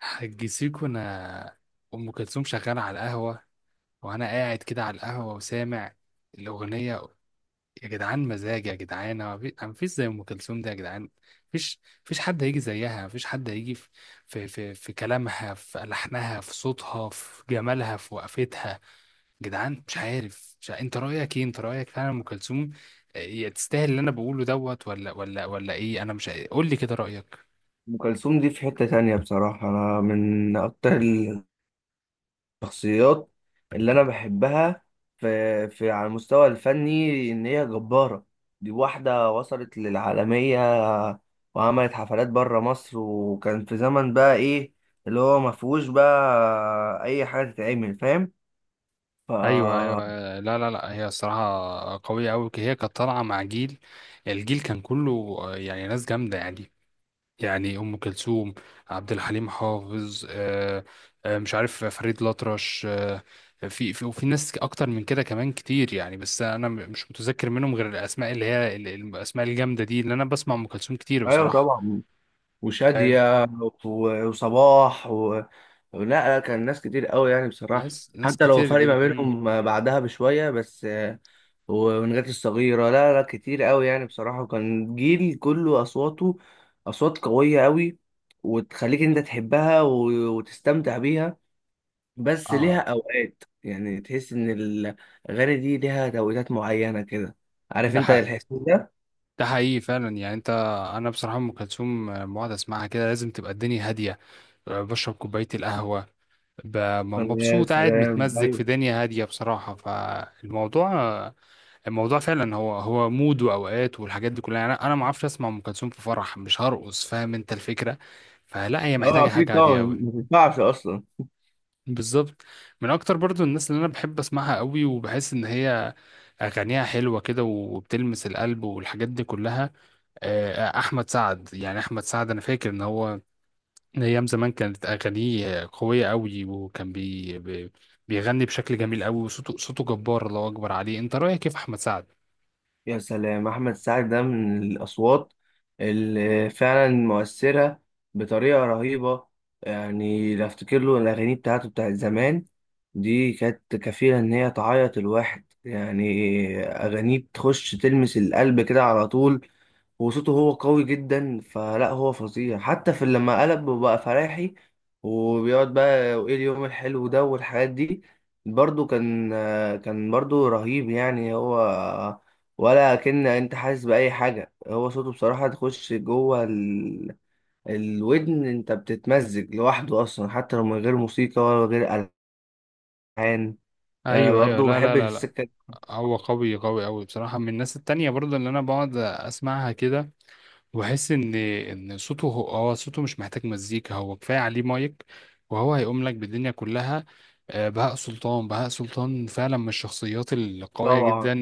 حج سيكو، انا ام كلثوم شغاله على القهوه، وانا قاعد كده على القهوه وسامع الاغنيه. يا جدعان، مزاج، يا جدعان، ما فيش زي ام كلثوم ده، يا جدعان. مفيش مفيش حد هيجي زيها، مفيش حد هيجي في كلامها، في لحنها، في صوتها، في جمالها، في وقفتها، يا جدعان. مش عارف، مش عارف. انت رايك ايه؟ انت رايك فعلا ام كلثوم تستاهل اللي انا بقوله دوت، ولا ايه؟ انا مش، قول لي كده رايك. ام كلثوم دي في حتة تانية بصراحة. انا من اكتر الشخصيات اللي انا بحبها في على المستوى الفني، ان هي جبارة. دي واحدة وصلت للعالمية وعملت حفلات بره مصر، وكان في زمن بقى ايه اللي هو ما فيهوش بقى اي حاجة تتعمل، فاهم؟ ايوه، ايوه، فا لا، لا، لا، هي الصراحه قويه قوي. هي كانت طالعه مع الجيل، كان كله يعني ناس جامده، يعني ام كلثوم، عبد الحليم حافظ، مش عارف، فريد الأطرش، في وفي ناس اكتر من كده كمان كتير، يعني بس انا مش متذكر منهم غير الاسماء اللي هي الاسماء الجامده دي. اللي انا بسمع ام كلثوم كتير ايوه بصراحه. طبعا، فاهم؟ وشادية وصباح و... لا لا، كان ناس كتير قوي يعني بصراحة. ناس، ناس حتى لو كتير فرق جدا. ما مم. بينهم بعدها بشوية، بس ونجاة الصغيرة. لا لا، كتير قوي يعني بصراحة. وكان جيل كله أصواته أصوات قوية قوي، وتخليك أنت تحبها وتستمتع بيها. بس ليها اه، أوقات، يعني تحس إن الأغاني دي ليها توقيتات معينة كده. عارف ده أنت حق الحس ده؟ ده حقيقي فعلا، يعني انا بصراحه ام كلثوم لما اقعد اسمعها كده لازم تبقى الدنيا هاديه، بشرب كوبايه القهوه، ب- يا مبسوط قاعد سلام متمزج في أيوه. دنيا هاديه بصراحه. فالموضوع، الموضوع فعلا هو مود واوقات، والحاجات دي كلها، يعني أنا ما اعرفش اسمع ام كلثوم في فرح، مش هرقص، فاهم انت الفكره؟ فلا، هي أه محتاجه أكيد حاجه طبعا، هاديه قوي. ما تنفعش أصلا. بالظبط. من اكتر برضو الناس اللي انا بحب اسمعها قوي وبحس ان هي اغانيها حلوه كده وبتلمس القلب والحاجات دي كلها، احمد سعد، يعني احمد سعد انا فاكر ان هو من ايام زمان كانت اغانيه قويه قوي، وكان بيغني بشكل جميل قوي، وصوته، صوته جبار، الله اكبر عليه. انت رايك كيف احمد سعد؟ يا سلام، احمد سعد ده من الاصوات اللي فعلا مؤثره بطريقه رهيبه. يعني لو افتكر له الاغاني بتاعته بتاعت زمان، دي كانت كفيله ان هي تعيط الواحد يعني. اغانيه تخش تلمس القلب كده على طول، وصوته هو قوي جدا. فلا هو فظيع، حتى في لما قلب وبقى فلاحي وبيقعد بقى وايه اليوم الحلو ده والحاجات دي، برضو كان كان برضو رهيب يعني هو. ولا كأن انت حاسس بأي حاجة، هو صوته بصراحة تخش جوه ال... الودن، انت بتتمزج لوحده اصلا، حتى لو من غير موسيقى ولا غير ألحان يعني. انا ايوه، ايوه، برضو لا، لا، بحب لا، لا. السكة دي. هو قوي قوي قوي بصراحه، من الناس التانية برضه اللي انا بقعد اسمعها كده وأحس إن صوته، هو صوته مش محتاج مزيكا، هو كفاية عليه مايك وهو هيقوم لك بالدنيا كلها. بهاء سلطان، بهاء سلطان فعلا من الشخصيات القوية جدا. طبعا.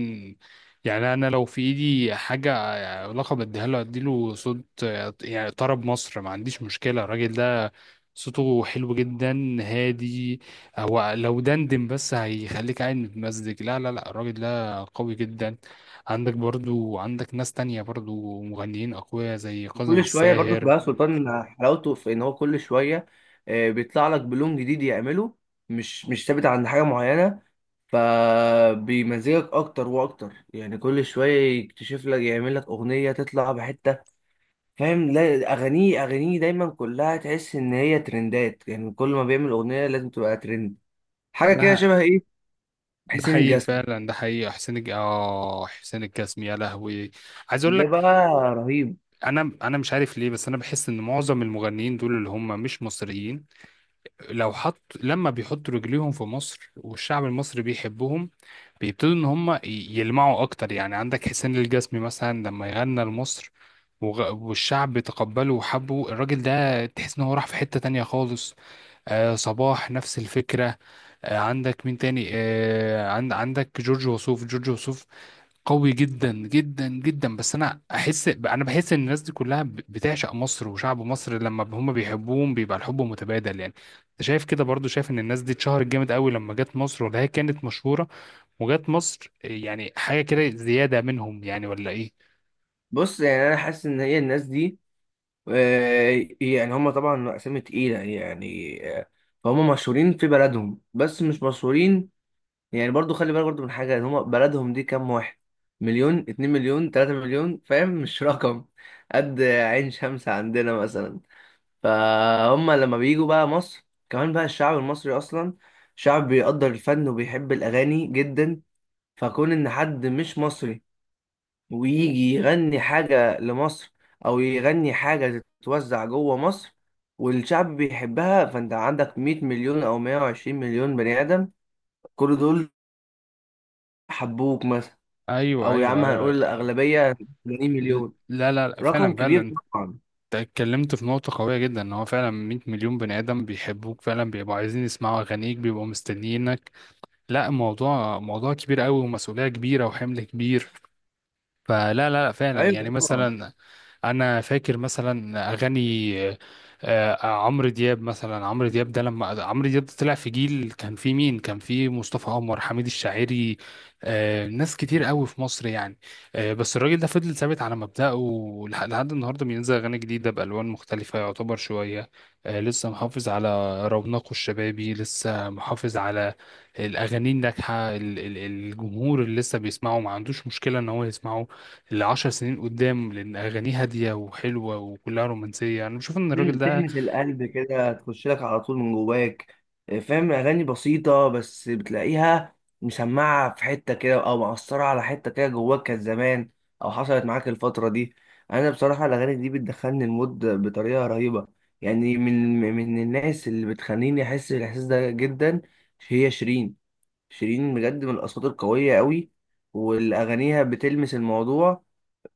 يعني أنا لو في إيدي حاجة، لقب اديها له، اديله صوت، يعني طرب مصر. ما عنديش مشكلة، الراجل ده صوته حلو جدا هادي، هو لو دندن بس هيخليك قاعد متمزج. لا، لا، لا، الراجل ده قوي جدا. عندك برضو، عندك ناس تانية برضو مغنيين أقوياء زي كاظم كل شويه برضه الساهر. بهاء سلطان، حلاوته في ان هو كل شويه بيطلع لك بلون جديد يعمله. مش ثابت عند حاجه معينه، فبيمزجك اكتر واكتر. يعني كل شويه يكتشف لك، يعمل لك اغنيه تطلع بحته، فاهم؟ لا اغانيه، اغانيه دايما كلها تحس ان هي ترندات، يعني كل ما بيعمل اغنيه لازم تبقى ترند، حاجه كده ده شبه ايه، ده حسين حقيقي الجسمي. فعلا، ده حقيقي، حسين الج... اه حسين الجسمي، يا لهوي. عايز اقول ده لك، بقى رهيب. انا مش عارف ليه، بس انا بحس ان معظم المغنيين دول اللي هم مش مصريين، لو حط، لما بيحطوا رجليهم في مصر والشعب المصري بيحبهم، بيبتدوا ان هم يلمعوا اكتر، يعني عندك حسين الجسمي مثلا، لما يغنى لمصر والشعب تقبله وحبه، الراجل ده تحس ان هو راح في حتة تانية خالص. آه، صباح نفس الفكرة. آه، عندك مين تاني؟ عندك جورج وسوف، جورج وسوف قوي جدا جدا جدا. بس انا احس، انا بحس ان الناس دي كلها بتعشق مصر وشعب مصر، لما هم بيحبوهم بيبقى الحب متبادل، يعني انت شايف كده؟ برضو شايف ان الناس دي اتشهرت جامد قوي لما جت مصر، ولا هي كانت مشهورة وجت مصر؟ يعني حاجة كده زيادة منهم يعني، ولا ايه؟ بص، يعني انا حاسس ان هي الناس دي يعني هم طبعا أسامي تقيلة يعني، فهم مشهورين في بلدهم، بس مش مشهورين يعني. برضو خلي بالك برضو من حاجة، إن هم بلدهم دي كام واحد؟ مليون، اتنين مليون، تلاتة مليون، فاهم؟ مش رقم قد عين شمس عندنا مثلا. فهم لما بيجوا بقى مصر، كمان بقى الشعب المصري أصلا شعب بيقدر الفن وبيحب الأغاني جدا. فكون إن حد مش مصري ويجي يغني حاجة لمصر، أو يغني حاجة تتوزع جوه مصر والشعب بيحبها، فأنت عندك 100 مليون أو 120 مليون بني آدم، كل دول حبوك مثلا. ايوه، أو يا ايوه، عم ايوه، هنقول الأغلبية، 80 مليون. لا، لا، لا، رقم فعلا، فعلا كبير انت طبعا. اتكلمت في نقطة قوية جدا، ان هو فعلا 100 مليون بني ادم بيحبوك فعلا، بيبقوا عايزين يسمعوا اغانيك، بيبقوا مستنيينك. لا، موضوع، موضوع كبير قوي، ومسؤولية كبيرة، وحمل كبير. فلا، لا، لا، فعلا يعني أيوه طبعا. مثلا، انا فاكر مثلا اغاني، عمرو دياب مثلا، عمرو دياب ده، لما عمرو دياب ده طلع في جيل، كان فيه مين؟ كان فيه مصطفى قمر، حميد الشاعري، ناس كتير قوي في مصر يعني، بس الراجل ده فضل ثابت على مبدأه، لحد النهارده بينزل اغاني جديده بالوان مختلفه، يعتبر شويه، لسه محافظ على رونقه الشبابي، لسه محافظ على الاغاني الناجحه، الجمهور اللي لسه بيسمعه ما عندوش مشكله ان هو يسمعه لعشر سنين قدام، لأن أغانيه هادية وحلوة وكلها رومانسية. أنا بشوف إن الراجل ده... تلمس القلب كده، تخش لك على طول من جواك. فاهم؟ اغاني بسيطه، بس بتلاقيها مسمعه في حته كده او مأثره على حته كده جواك. كانت زمان او حصلت معاك الفتره دي. انا بصراحه الاغاني دي بتدخلني المود بطريقه رهيبه. يعني من الناس اللي بتخليني احس بالاحساس ده جدا هي شيرين. شيرين بجد من الاصوات القويه قوي، والاغانيها بتلمس الموضوع.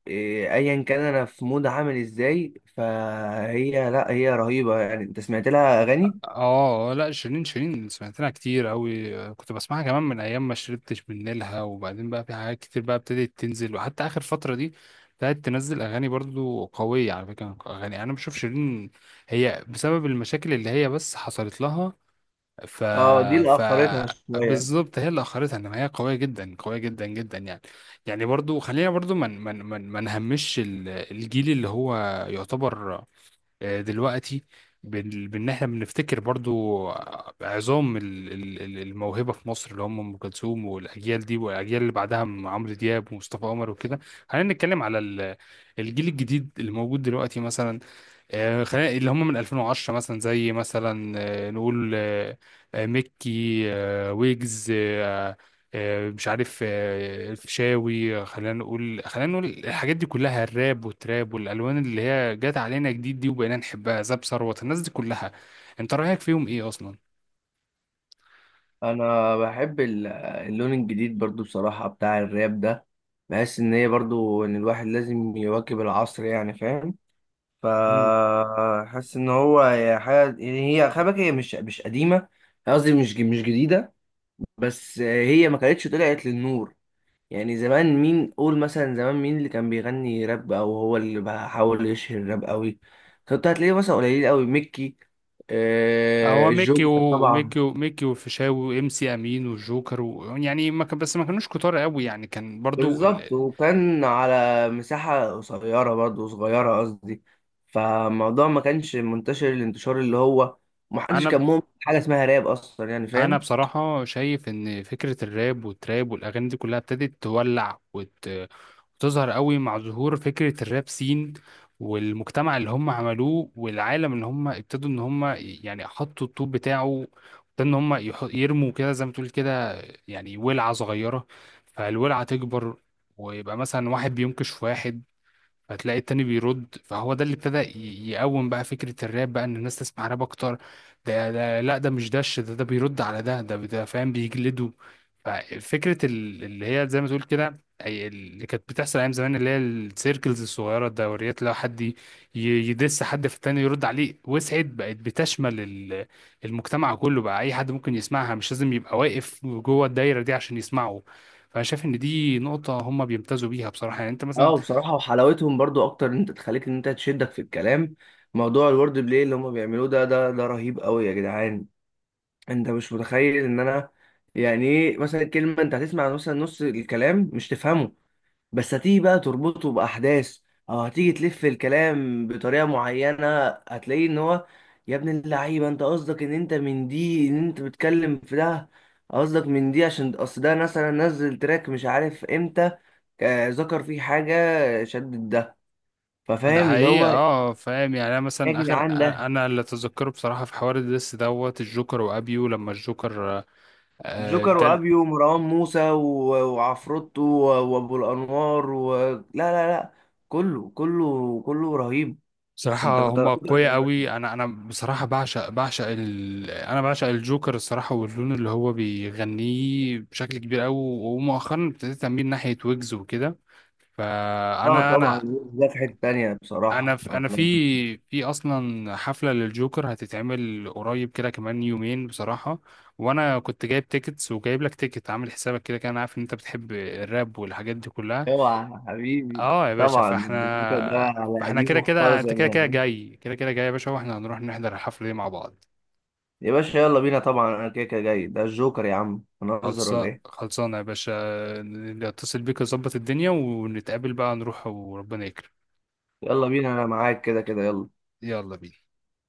إيه، ايا كان انا في مود عامل ازاي، فهي لا هي رهيبه يعني. انت سمعت لها اغاني؟ آه، لا، شيرين، شيرين سمعت لها كتير أوي، كنت بسمعها كمان من أيام ما شربتش من نيلها. وبعدين بقى في حاجات كتير بقى ابتدت تنزل، وحتى آخر فترة دي بدأت تنزل أغاني برضو قوية على فكرة. أغاني، أنا بشوف شيرين هي بسبب المشاكل اللي هي بس حصلت لها، ف اه دي اللي ف اخرتها شويه. بالظبط هي اللي اخرتها، ان هي قويه جدا، قويه جدا جدا يعني. يعني برضو خلينا، برضو ما من من من ما نهمش الجيل اللي هو يعتبر دلوقتي، بان احنا بنفتكر برضو عظام الموهبه في مصر، اللي هم ام كلثوم والاجيال دي والاجيال اللي بعدها من عمرو دياب ومصطفى قمر وكده. خلينا نتكلم على الجيل الجديد اللي موجود دلوقتي مثلا، خلينا اللي هم من 2010 مثلا، زي مثلا نقول ميكي، ويجز، مش عارف، الفيشاوي، خلينا نقول، خلينا نقول الحاجات دي كلها، الراب والتراب والالوان اللي هي جت علينا جديد دي وبقينا نحبها، زاب ثروت، الناس دي كلها انت رايك فيهم ايه اصلا؟ انا بحب اللون الجديد برضو بصراحه بتاع الراب ده. بحس ان هي برضو ان الواحد لازم يواكب العصر، يعني فاهم؟ مم. فحس ان هو هي حاجه، يعني هي خلي بالك، هي مش قديمه. قصدي مش جديده، بس هي ما كانتش طلعت للنور. يعني زمان مين؟ قول مثلا زمان مين اللي كان بيغني راب، او هو اللي بحاول يشهر الراب قوي؟ كنت هتلاقيه مثلا قليل قوي. ميكي، آه هو ميكي الجوكر طبعا. وميكي وميكي والفيشاوي وام سي امين والجوكر و... يعني ما كان، بس ما كانوش كتار قوي يعني، كان برضو ال... بالظبط. وكان على مساحة قصيرة برضه، صغيرة قصدي. فالموضوع ما كانش منتشر الانتشار اللي هو، محدش كان انا مؤمن حاجة اسمها راب اصلا، يعني انا فاهم؟ بصراحه شايف ان فكره الراب والتراب والاغاني دي كلها ابتدت تولع وتظهر قوي مع ظهور فكره الراب سين، والمجتمع اللي هم عملوه، والعالم اللي هم ابتدوا ان هم يعني حطوا الطوب بتاعه، وابتدوا ان هم يرموا كده زي ما تقول كده، يعني ولعه صغيره، فالولعه تكبر، ويبقى مثلا واحد بينكش في واحد، فتلاقي التاني بيرد، فهو ده اللي ابتدى يقوم بقى فكرة الراب بقى، ان الناس تسمع راب اكتر. ده، ده لا، ده مش، دش، ده، ده بيرد على ده، ده، ده فاهم، بيجلده. ففكرة اللي هي زي ما تقول كده، اللي كانت بتحصل ايام زمان، اللي هي السيركلز الصغيرة، الدوريات، لو حد يدس حد في التاني يرد عليه، وسعت بقت بتشمل المجتمع كله بقى، اي حد ممكن يسمعها، مش لازم يبقى واقف جوه الدايرة دي عشان يسمعه. فانا شايف ان دي نقطة هم بيمتازوا بيها بصراحة، يعني انت مثلا... اه بصراحة، وحلاوتهم برضو اكتر ان انت تخليك ان انت تشدك في الكلام. موضوع الورد بلاي اللي هم بيعملوه ده، ده رهيب قوي يا جدعان. انت مش متخيل ان انا، يعني ايه مثلا كلمه، انت هتسمع مثلا نص الكلام مش تفهمه، بس هتيجي بقى تربطه باحداث، او هتيجي تلف الكلام بطريقه معينه، هتلاقيه ان هو يا ابن اللعيبه، انت قصدك ان انت من دي، ان انت بتتكلم في ده؟ قصدك من دي عشان اصل ده مثلا نزل تراك مش عارف امتى، ذكر فيه حاجه شدت ده، ده ففاهم اللي حقيقة، هو. اه، فاهم، يعني انا يا مثلا اخر، جدعان ده انا اللي اتذكره بصراحة في حوار الدس دوت الجوكر وابيو، لما الجوكر جوكر ده... وابيو ومروان موسى وعفروتو وابو الانوار و... لا لا لا، كله كله كله رهيب. انت بصراحة كنت، هما قوية قوي، انا بصراحة بعشق، انا بعشق الجوكر الصراحة، واللون اللي هو بيغنيه بشكل كبير قوي، ومؤخرا ابتديت اميل ناحية ويجز وكده. اه فانا طبعا انا يوسف ده في حته تانيه انا بصراحه في انا انا. في في اصلا حفله للجوكر هتتعمل قريب كده، كمان يومين بصراحه، وانا كنت جايب تيكتس وجايب لك تيكت، عامل حسابك كده، كان عارف ان انت بتحب الراب والحاجات دي كلها. اوعى يا حبيبي. اه يا باشا، طبعا فاحنا الجوكر ده على فاحنا كده قديمه كده، خالص انت كده كده يعني. جاي، كده كده جاي يا باشا، واحنا هنروح نحضر الحفله دي مع بعض. يا باشا يلا بينا، طبعا انا كده كده جاي، ده الجوكر يا عم، هنهزر ولا خلصا، ايه؟ خلصانه يا باشا، اتصل بيك، اظبط الدنيا، ونتقابل بقى، نروح وربنا يكرم. يلا بينا، انا معاك كده كده، يلا. يلا بينا.